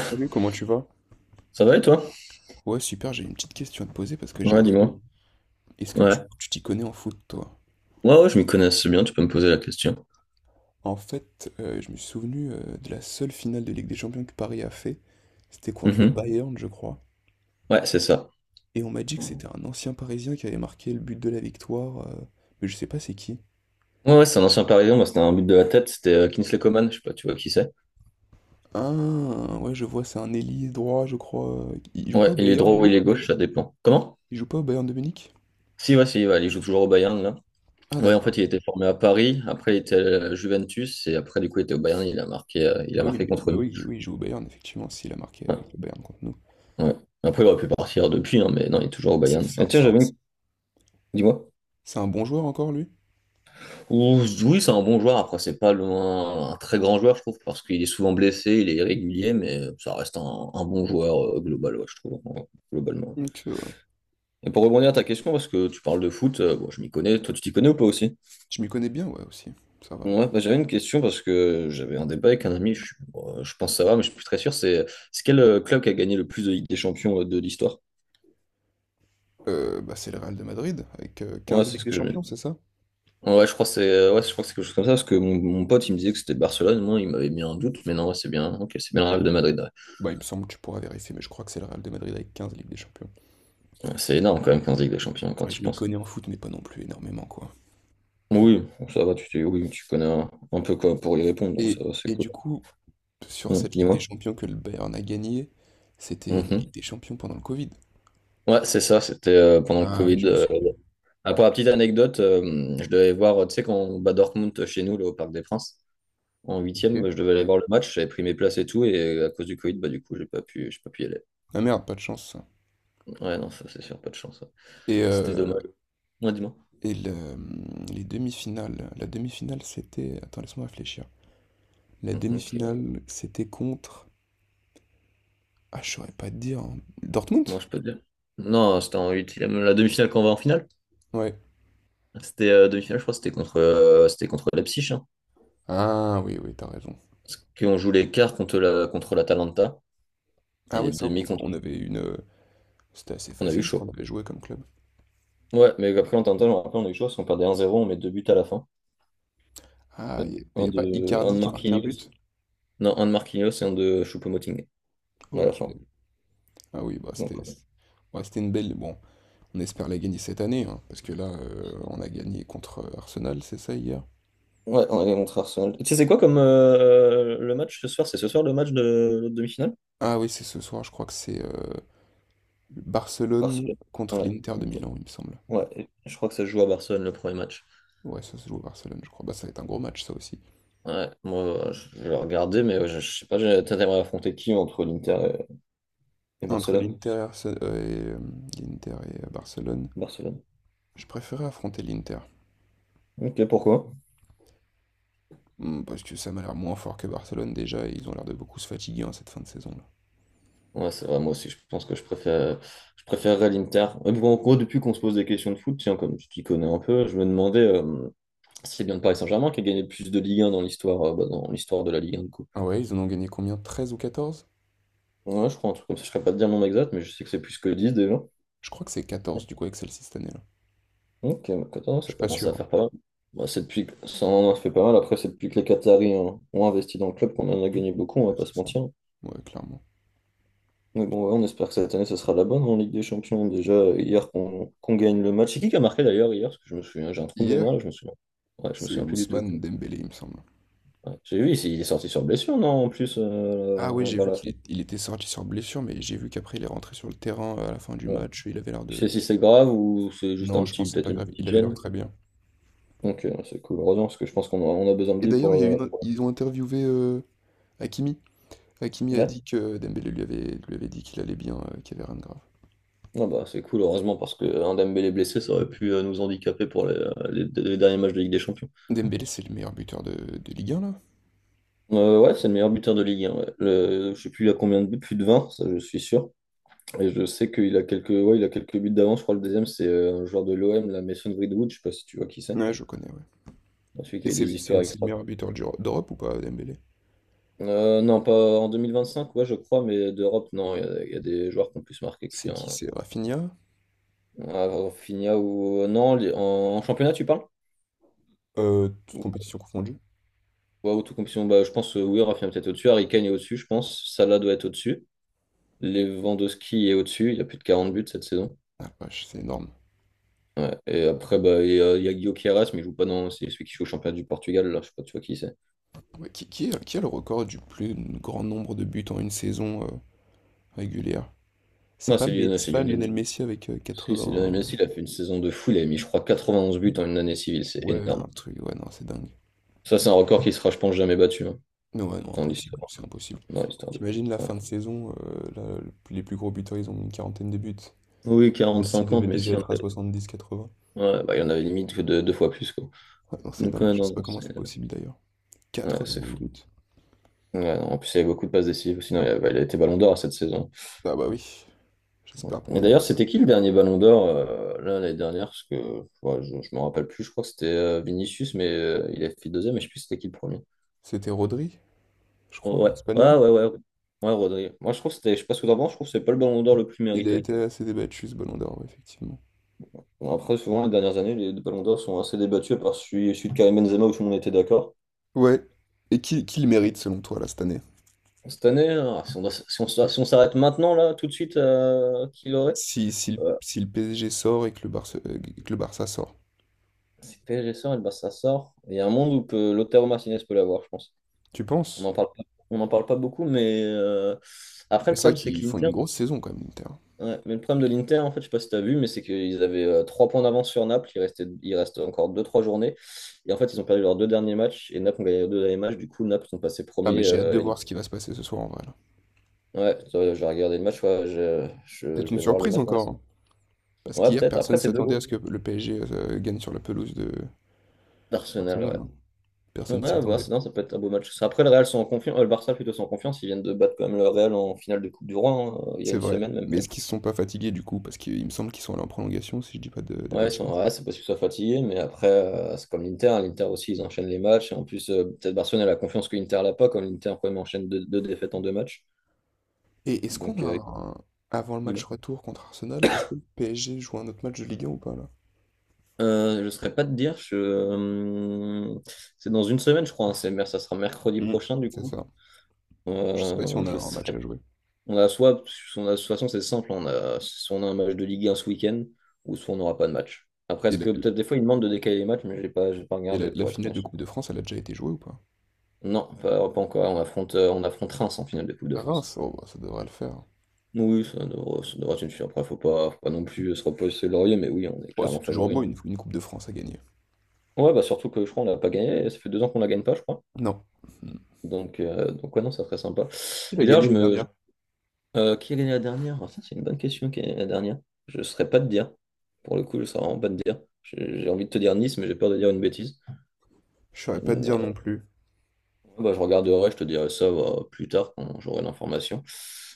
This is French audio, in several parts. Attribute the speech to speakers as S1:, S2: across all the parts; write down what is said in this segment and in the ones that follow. S1: Salut, comment tu vas?
S2: Ça va et toi?
S1: Ouais, super, j'ai une petite question à te poser parce que j'ai un
S2: Ouais,
S1: trou.
S2: dis-moi.
S1: Est-ce que tu
S2: Ouais.
S1: tu t'y connais en foot, toi?
S2: Ouais, ouais, je m'y connais assez bien, tu peux me poser la question.
S1: En fait, je me suis souvenu de la seule finale de Ligue des Champions que Paris a fait. C'était contre le
S2: Mhm.
S1: Bayern, je crois.
S2: Ouais, c'est ça.
S1: Et on m'a dit que c'était un ancien Parisien qui avait marqué le but de la victoire. Mais je sais pas c'est qui.
S2: Ouais, ouais, c'est un ancien parisien, moi c'était un but de la tête, c'était Kingsley Coman, je sais pas, tu vois qui c'est.
S1: Ah, ouais, je vois, c'est un ailier droit, je crois. Il joue pas
S2: Ouais,
S1: au
S2: il est droit
S1: Bayern,
S2: ou
S1: lui?
S2: il est gauche, ça dépend. Comment?
S1: Il joue pas au Bayern de Munich?
S2: Si, ouais, si, ouais, il joue toujours au Bayern, là.
S1: Ah,
S2: Ouais, en
S1: d'accord.
S2: fait, il était formé à Paris, après il était à la Juventus, et après, du coup, il était au Bayern, il a
S1: Bah oui,
S2: marqué contre nous.
S1: oui, il joue au Bayern, effectivement, s'il a marqué
S2: Ouais,
S1: avec le Bayern contre nous.
S2: ouais. Après, il aurait pu partir depuis, hein, mais non, il est toujours au
S1: C'est
S2: Bayern.
S1: c'est un,
S2: Et tiens,
S1: c'est un
S2: j'avais une... Dis-moi.
S1: c'est un bon joueur encore, lui?
S2: Oui, c'est un bon joueur. Après, c'est pas loin, un très grand joueur, je trouve, parce qu'il est souvent blessé, il est irrégulier, mais ça reste un bon joueur global, ouais, je trouve, ouais, globalement.
S1: Ok, ouais.
S2: Et pour rebondir à ta question, parce que tu parles de foot, bon, je m'y connais, toi tu t'y connais ou pas aussi?
S1: Je m'y connais bien, ouais, aussi. Ça va.
S2: Ouais, bah, j'avais une question parce que j'avais un débat avec un ami, bon, je pense savoir, mais je suis plus très sûr, c'est quel club qui a gagné le plus de Ligue des Champions de l'histoire?
S1: Bah, c'est le Real de Madrid avec
S2: Ouais,
S1: 15
S2: c'est
S1: Ligues
S2: ce
S1: des
S2: que je me
S1: Champions,
S2: dis.
S1: c'est ça?
S2: Ouais, je crois que c'est je crois que c'est quelque chose comme ça, parce que mon pote il me disait que c'était Barcelone, moi il m'avait mis un doute, mais non, ouais, c'est bien, ok, c'est bien le Real de Madrid. Ouais.
S1: Bah, il me semble que tu pourras vérifier, mais je crois que c'est le Real de Madrid avec 15 Ligues des Champions.
S2: C'est énorme quand même 15 Ligues des Champions quand
S1: Enfin,
S2: tu y
S1: je m'y
S2: penses.
S1: connais en foot, mais pas non plus énormément, quoi.
S2: Oui, bon, ça va, oui, tu connais un peu quoi pour y répondre, donc
S1: Et,
S2: ça va, c'est
S1: et
S2: cool.
S1: du coup, sur cette Ligue des
S2: Dis-moi.
S1: Champions que le Bayern a gagnée, c'était la Ligue
S2: Mhm.
S1: des Champions pendant le Covid.
S2: Ouais, c'est ça, c'était pendant le
S1: Ah oui,
S2: Covid.
S1: je me souviens.
S2: Ah, pour la petite anecdote, je devais aller voir, tu sais, quand on bat Dortmund chez nous, là, au Parc des Princes, en huitième,
S1: Ok.
S2: bah, je devais aller voir le match, j'avais pris mes places et tout, et à cause du Covid, bah, du coup, j'ai pas pu y aller.
S1: Ah merde, pas de chance, ça.
S2: Ouais, non, ça, c'est sûr, pas de chance. Ouais.
S1: Et,
S2: C'était
S1: euh,
S2: dommage. Ouais, dis-moi.
S1: et le- les demi-finales. La demi-finale, c'était. Attends, laisse-moi réfléchir. La
S2: Donc,
S1: demi-finale, c'était contre. Ah, je saurais pas te dire. Dortmund?
S2: moi, je peux te dire. Non, c'était en huitième, la demi-finale qu'on va en finale.
S1: Ouais.
S2: C'était demi-finale, je crois, c'était c'était contre Leipzig, hein.
S1: Ah oui, oui, t'as raison.
S2: Puis on joue les quarts contre contre l'Atalanta et
S1: Ah
S2: les
S1: ouais, ça,
S2: demi
S1: on,
S2: contre.
S1: on avait une. C'était assez
S2: On a eu
S1: facile ce qu'on
S2: chaud.
S1: avait joué comme club.
S2: Ouais, mais après, en je me rappelle, on a eu chaud parce qu'on perdait 1-0, on met deux buts à la fin.
S1: Ah,
S2: Euh,
S1: y a pas
S2: Un
S1: Icardi
S2: de
S1: qui a marqué un
S2: Marquinhos.
S1: but?
S2: Non, un de Marquinhos et un de Choupo-Moting à la
S1: Ok.
S2: fin.
S1: Ah oui, bah
S2: Donc,
S1: c'était.
S2: ouais.
S1: Ouais, c'était une belle. Bon, on espère la gagner cette année, hein, parce que là, on a gagné contre Arsenal, c'est ça hier?
S2: Ouais, on est contre Arsenal. Tu sais, c'est quoi comme le match ce soir? C'est ce soir le match de l'autre demi-finale?
S1: Ah oui, c'est ce soir, je crois que c'est Barcelone
S2: Barcelone.
S1: contre
S2: Ouais,
S1: l'Inter de
S2: ok.
S1: Milan, il me semble.
S2: Ouais, et je crois que ça se joue à Barcelone le premier match.
S1: Ouais, ça se joue à Barcelone, je crois. Bah, ça va être un gros match, ça aussi.
S2: Ouais, moi, je vais regarder, mais ouais, je sais pas, t'aimerais affronter qui entre l'Inter et
S1: Entre
S2: Barcelone?
S1: l'Inter et, et, l'Inter et Barcelone.
S2: Barcelone.
S1: Je préférais affronter l'Inter.
S2: Ok, pourquoi?
S1: Parce que ça m'a l'air moins fort que Barcelone déjà et ils ont l'air de beaucoup se fatiguer en cette fin de saison-là.
S2: Ouais, c'est vrai, moi aussi, je pense que je préfère, je préférerais l'Inter. Mais bon, en gros, depuis qu'on se pose des questions de foot, tiens, comme tu t'y connais un peu, je me demandais si c'est bien le Paris Saint-Germain qui a gagné le plus de Ligue un dans l'histoire dans l'histoire de la Ligue un du coup.
S1: Ah ouais, ils en ont gagné combien? 13 ou 14.
S2: Ouais, je crois un truc comme ça, je ne saurais pas te dire le nombre exact, mais je sais que c'est plus que 10 déjà.
S1: Je crois que c'est 14 du coup avec celle-ci cette année-là.
S2: Ok, bah, 14,
S1: Je
S2: ça
S1: suis pas
S2: commence
S1: sûr,
S2: à
S1: hein.
S2: faire pas mal. Bah, c'est depuis que... Ça en a fait pas mal. Après, c'est depuis que les Qataris hein, ont investi dans le club qu'on en a gagné beaucoup, on va
S1: Ouais,
S2: pas
S1: c'est
S2: se
S1: ça.
S2: mentir.
S1: Ouais, clairement.
S2: Mais bon, ouais, on espère que cette année, ça sera la bonne en Ligue des Champions. Déjà, hier, qu'on gagne le match. C'est qui a marqué d'ailleurs hier? Parce que je me souviens, j'ai un trou de
S1: Hier,
S2: mémoire là, je me souviens. Ouais, je me
S1: c'est
S2: souviens plus du tout.
S1: Ousmane Dembélé, il me semble.
S2: Ouais. J'ai vu, il est sorti sur blessure, non, en plus,
S1: Ah ouais, j'ai
S2: vers
S1: vu
S2: la
S1: qu'il
S2: fin.
S1: est- il était sorti sur blessure, mais j'ai vu qu'après il est rentré sur le terrain à la fin du
S2: Ouais.
S1: match. Il avait l'air
S2: Je sais
S1: de.
S2: si c'est grave ou c'est juste
S1: Non,
S2: un
S1: je pense
S2: petit,
S1: que c'est
S2: peut-être
S1: pas
S2: une
S1: grave.
S2: petite
S1: Il avait l'air
S2: gêne.
S1: très bien.
S2: Donc, c'est cool. Heureusement, parce que je pense on a besoin de
S1: Et
S2: lui pour...
S1: d'ailleurs, il y a eu
S2: pour...
S1: ils ont interviewé Hakimi. Hakimi a
S2: Ouais.
S1: dit que Dembélé lui avait dit qu'il allait bien, qu'il y avait rien de grave.
S2: Ah bah, c'est cool, heureusement, parce que un Dembélé blessé, ça aurait pu nous handicaper pour les derniers matchs de Ligue des Champions.
S1: Dembélé, c'est le meilleur buteur de Ligue 1, là?
S2: Ouais, c'est le meilleur buteur de Ligue 1. Ouais. Je sais plus il a combien de buts, plus de 20 ça je suis sûr. Et je sais qu'il a il a quelques buts d'avance. Je crois que le deuxième, c'est un joueur de l'OM, la Mason Greenwood, je sais pas si tu vois qui c'est.
S1: Ouais, je connais, ouais.
S2: Celui
S1: Et
S2: qui a
S1: c'est
S2: des
S1: c'est-
S2: histoires
S1: c'est le
S2: extra.
S1: meilleur buteur d'Europe ou pas, Dembélé?
S2: Non, pas en 2025, ouais, je crois, mais d'Europe, non, il y a des joueurs qui ont plus marqué que lui.
S1: C'est qui? C'est Rafinha?
S2: À Rafinha ou. Non, en championnat, tu parles?
S1: Toutes compétitions confondues?
S2: Wow, autocompétition, bah, je pense, oui, Rafinha est peut-être au-dessus. Harry Kane est au-dessus, je pense. Salah doit être au-dessus. Lewandowski est au-dessus. Il a plus de 40 buts cette saison.
S1: Ah, la vache, c'est énorme.
S2: Ouais. Et après, bah, il y a Guillaume Queiroz, mais il joue pas dans. C'est celui qui joue au championnat du Portugal, là. Je sais pas, tu vois qui c'est.
S1: Ouais, qui a le record du plus grand nombre de buts en une saison régulière? C'est
S2: Non,
S1: pas,
S2: c'est
S1: Me-
S2: Lionel,
S1: c'est
S2: c'est
S1: pas
S2: Lionel.
S1: Lionel Messi avec
S2: Si, c'est Lionel
S1: 80?
S2: Messi. Il a fait une saison de fou. Il a mis, je crois, 91 buts en une année civile. C'est
S1: Ouais,
S2: énorme.
S1: un truc, ouais, non, c'est dingue.
S2: Ça, c'est un record qui sera, je pense, jamais battu hein,
S1: Non, ouais, non,
S2: dans
S1: impossible,
S2: l'histoire.
S1: c'est impossible.
S2: Dans l'histoire de.
S1: T'imagines la
S2: Ouais.
S1: fin de saison, là, les plus gros buteurs, ils ont une quarantaine de buts.
S2: Oui,
S1: Messi
S2: 40-50,
S1: devait
S2: mais
S1: déjà
S2: si on
S1: être à
S2: avait-
S1: 70-80.
S2: ouais, bah, il y en avait limite que deux, deux fois plus, quoi.
S1: Ouais, non, c'est
S2: Donc,
S1: dingue.
S2: ouais,
S1: Je sais
S2: non,
S1: pas
S2: non,
S1: comment
S2: c'est
S1: c'est possible d'ailleurs.
S2: ouais,
S1: Quatre
S2: c'est
S1: dans le
S2: fou.
S1: but.
S2: Ouais, non, en plus, il y avait beaucoup de passes décisives. Sinon, il a été Ballon d'Or cette saison.
S1: Ah bah oui,
S2: Ouais.
S1: j'espère pour
S2: Et
S1: lui
S2: d'ailleurs,
S1: d'ailleurs.
S2: c'était qui le dernier Ballon d'Or là l'année dernière? Parce que ouais, je ne me rappelle plus. Je crois que c'était Vinicius, mais il a fait deuxième. Mais je sais plus c'était qui le premier.
S1: C'était Rodri, je
S2: Oh,
S1: crois,
S2: ouais, ouais,
S1: l'espagnol.
S2: ouais, ouais. Ouais, Rodri. Moi, je trouve que c'était, je sais pas ce que t'en penses, je trouve que c'est pas le Ballon d'Or le plus
S1: Il a
S2: mérité.
S1: été assez débattu ce Ballon d'Or, ouais, effectivement.
S2: Bon, après, souvent, les dernières années, les Ballons d'Or sont assez débattus par celui de Karim Benzema où tout le monde était d'accord.
S1: Ouais. Et qui le mérite selon toi là cette année?
S2: Cette année, hein, si on doit- si on- si on s'arrête maintenant, là, tout de suite, qui l'aurait?
S1: Si, si, le-
S2: Euh,
S1: si le PSG sort et que le Barça sort.
S2: C'est très récent, et ben, ça sort. Il y a un monde l'auteur Martinez peut l'avoir, je pense.
S1: Tu
S2: On
S1: penses?
S2: n'en parle pas, on n'en parle pas beaucoup, mais après,
S1: Mais
S2: le
S1: c'est vrai
S2: problème, c'est
S1: qu'ils font
S2: qu'Inter,
S1: une grosse saison quand même, l'Inter.
S2: ouais, mais le problème de l'Inter, en fait, je sais pas si tu as vu, mais c'est qu'ils avaient trois points d'avance sur Naples. Il reste encore deux, trois journées. Et en fait, ils ont perdu leurs deux derniers matchs, et Naples ont gagné leurs deux derniers matchs. Du coup, Naples sont passés
S1: Ah mais
S2: premiers.
S1: j'ai hâte de voir ce qui va se passer ce soir en vrai là.
S2: Ouais, j'ai regardé le match, ouais,
S1: Peut-être
S2: je
S1: une
S2: vais voir le
S1: surprise
S2: match. Ouais,
S1: encore, hein. Parce
S2: ouais,
S1: qu'hier,
S2: peut-être. Après,
S1: personne
S2: c'est deux
S1: s'attendait à ce
S2: gros.
S1: que le PSG gagne sur la pelouse de Barcelone,
S2: D'Arsenal,
S1: hein.
S2: ouais.
S1: Personne
S2: Ouais,
S1: s'y
S2: à voir,
S1: attendait.
S2: non, ça peut être un beau match. Après, le Real sont en confiance, le Barça plutôt sont en confiance, ils viennent de battre quand même le Real en finale de Coupe du Roi, hein, il y a
S1: C'est
S2: une
S1: vrai.
S2: semaine même
S1: Mais
S2: pas.
S1: est-ce qu'ils se sont pas fatigués du coup? Parce qu'il me semble qu'ils sont allés en prolongation, si je dis pas de
S2: Ouais,
S1: bêtises.
S2: ouais, c'est possible qu'ils soient fatigués, mais après, c'est comme l'Inter, hein, l'Inter aussi, ils enchaînent les matchs, et en plus, peut-être Barcelone a la confiance que l'Inter l'a pas, comme l'Inter quand même enchaîne deux défaites en deux matchs.
S1: Et est-ce qu'on
S2: Donc,
S1: a avant le match
S2: dis-moi.
S1: retour contre Arsenal, est-ce que le PSG joue un autre match de Ligue 1 ou pas là?
S2: Je ne saurais pas te dire, je... c'est dans une semaine, je crois, hein, ça sera mercredi
S1: Mhm.
S2: prochain, du
S1: C'est
S2: coup.
S1: ça. Je sais pas si on a
S2: Je ne
S1: un match
S2: saurais
S1: à jouer.
S2: On a soit, de toute façon, c'est simple, on a, soit on a un match de Ligue 1 ce week-end, ou soit on n'aura pas de match. Après,
S1: Et
S2: est-ce
S1: la,
S2: que peut-être des fois, ils demandent de décaler les matchs, mais j'ai pas
S1: et la-
S2: regardé
S1: la
S2: pour être
S1: finale
S2: honnête.
S1: de Coupe de France, elle a déjà été jouée ou pas?
S2: Non, pas encore. On affronte Reims en finale de Coupe de
S1: À
S2: France.
S1: Reims, oh, bah, ça devrait le faire.
S2: Oui, ça devrait être une suite. Après, faut pas non plus se reposer sur le laurier, mais oui, on est
S1: Bon, c'est
S2: clairement
S1: toujours beau
S2: favori.
S1: une Coupe de France à gagner.
S2: Ouais, bah surtout que je crois qu'on l'a pas gagné. Ça fait deux ans qu'on la gagne pas, je crois.
S1: Non. Hmm.
S2: Donc, ouais, non, c'est très sympa.
S1: Qui
S2: Et
S1: l'a
S2: d'ailleurs,
S1: gagné les dernières?
S2: Quelle est la dernière? Ah, ça, c'est une bonne question. Quelle est la dernière? Je ne saurais pas te dire. Pour le coup, je ne saurais vraiment pas te dire. J'ai envie de te dire Nice, mais j'ai peur de dire une bêtise.
S1: Je saurais pas te
S2: Une,
S1: dire
S2: euh,
S1: non plus.
S2: ouais, bah, je regarderai, je te dirai ça bah, plus tard quand j'aurai l'information.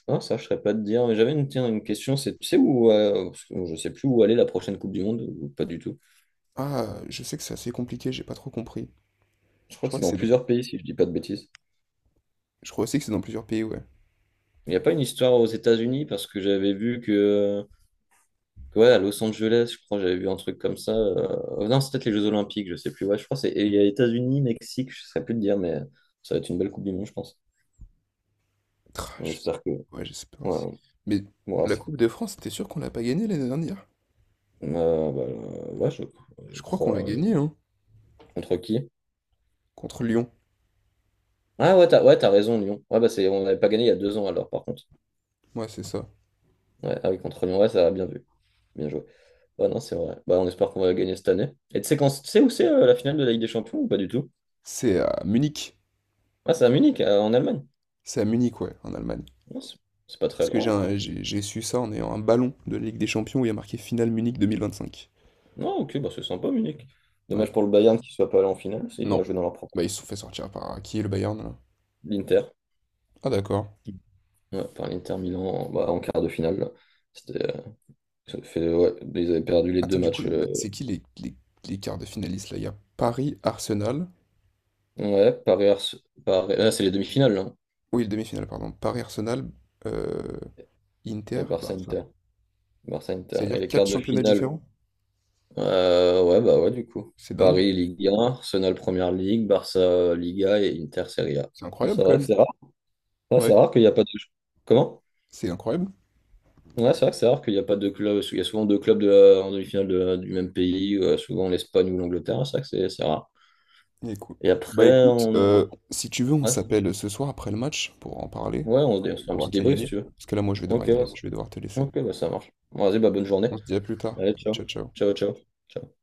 S2: Non, ça, je ne saurais pas te dire. Mais j'avais une, tiens, une question, c'est tu sais où, parce que je sais plus où aller la prochaine Coupe du Monde, ou pas du tout.
S1: Ah, je sais que c'est assez compliqué, j'ai pas trop compris.
S2: Je
S1: Je
S2: crois que
S1: crois
S2: c'est
S1: que
S2: dans
S1: c'est dans.
S2: plusieurs pays, si je dis pas de bêtises.
S1: Je crois aussi que c'est dans plusieurs pays, ouais.
S2: Il n'y a pas une histoire aux États-Unis, parce que j'avais vu que ouais, à Los Angeles, je crois, j'avais vu un truc comme ça. Non, c'est peut-être les Jeux Olympiques, je sais plus. Ouais, je crois que c'est et il y a États-Unis, Mexique, je ne saurais plus te dire, mais ça va être une belle Coupe du Monde, je pense.
S1: Tra,
S2: On
S1: je sais.
S2: espère que.
S1: Ouais, j'espère aussi.
S2: Ouais,
S1: Mais
S2: ouais,
S1: la
S2: c'est-
S1: Coupe de France, t'es sûr qu'on l'a pas gagnée l'année dernière?
S2: ouais,
S1: Je
S2: je
S1: crois qu'on l'a
S2: crois.
S1: gagnée, hein?
S2: Contre qui?
S1: Contre Lyon.
S2: Ah ouais, t'as raison, Lyon. Ouais, bah, c'est... On n'avait pas gagné il y a deux ans alors, par contre.
S1: Ouais, c'est ça.
S2: Ouais, ah oui, contre Lyon, ouais, ça a bien vu. Bien joué. Ouais, non, c'est vrai. Bah, on espère qu'on va gagner cette année. Et tu sais quand... tu sais où c'est la finale de la Ligue des Champions ou pas du tout?
S1: C'est à Munich.
S2: Ah, c'est à Munich, en Allemagne.
S1: C'est à Munich, ouais, en Allemagne.
S2: Non, c'est c'est pas très
S1: Parce que j'ai
S2: loin.
S1: un- j'ai su ça en ayant un ballon de la Ligue des Champions où il y a marqué Finale Munich 2025.
S2: Non, ok, bah c'est sympa, Munich.
S1: Ouais.
S2: Dommage pour le Bayern qui ne soit pas allé en finale, s'ils auraient
S1: Non.
S2: joué dans leur propre.
S1: Bah, ils se sont fait sortir par qui, le Bayern, là?
S2: L'Inter,
S1: Ah, d'accord.
S2: ouais, par l'Inter Milan en, bah, en quart de finale. Là. C'était, ça fait, ouais, ils avaient perdu les deux
S1: Attends, du coup,
S2: matchs.
S1: c'est qui les quarts de finalistes, là? Il y a Paris-Arsenal.
S2: Ouais, c'est les demi-finales, là, hein.
S1: Oui, le demi-finale, pardon. Paris-Arsenal, euh,
S2: Et
S1: Inter, Barça.
S2: Barça-Inter. Barça-Inter. Et
S1: C'est-à-dire
S2: les quarts
S1: quatre
S2: de
S1: championnats
S2: finale,
S1: différents?
S2: ouais, du coup.
S1: C'est dingue.
S2: Paris, Ligue 1, Arsenal, Première Ligue, Barça, Liga et Inter, Serie A.
S1: C'est
S2: Ah,
S1: incroyable quand même.
S2: c'est rare. Ah, c'est
S1: Ouais,
S2: rare qu'il n'y a pas de... Comment?
S1: c'est incroyable.
S2: Ouais, c'est vrai que c'est rare qu'il n'y a pas de club. Il y a souvent deux clubs en demi-finale du même pays, souvent l'Espagne ou l'Angleterre. C'est vrai que c'est rare.
S1: Écoute.
S2: Et
S1: Bah
S2: après,
S1: écoute,
S2: on,
S1: si tu veux, on
S2: ouais,
S1: s'appelle ce soir après le match pour en parler,
S2: ouais, on se fait un
S1: pour voir
S2: petit
S1: qui a
S2: débrief si
S1: gagné.
S2: tu veux.
S1: Parce que là, moi, je vais
S2: Ok,
S1: devoir y
S2: ouais,
S1: aller. Je vais devoir te laisser.
S2: ok, bah, ça marche. Bon, vas-y, bah, bonne journée.
S1: On se dit à plus tard.
S2: Allez,
S1: Ciao,
S2: ciao.
S1: ciao.
S2: Ciao, ciao. Ciao.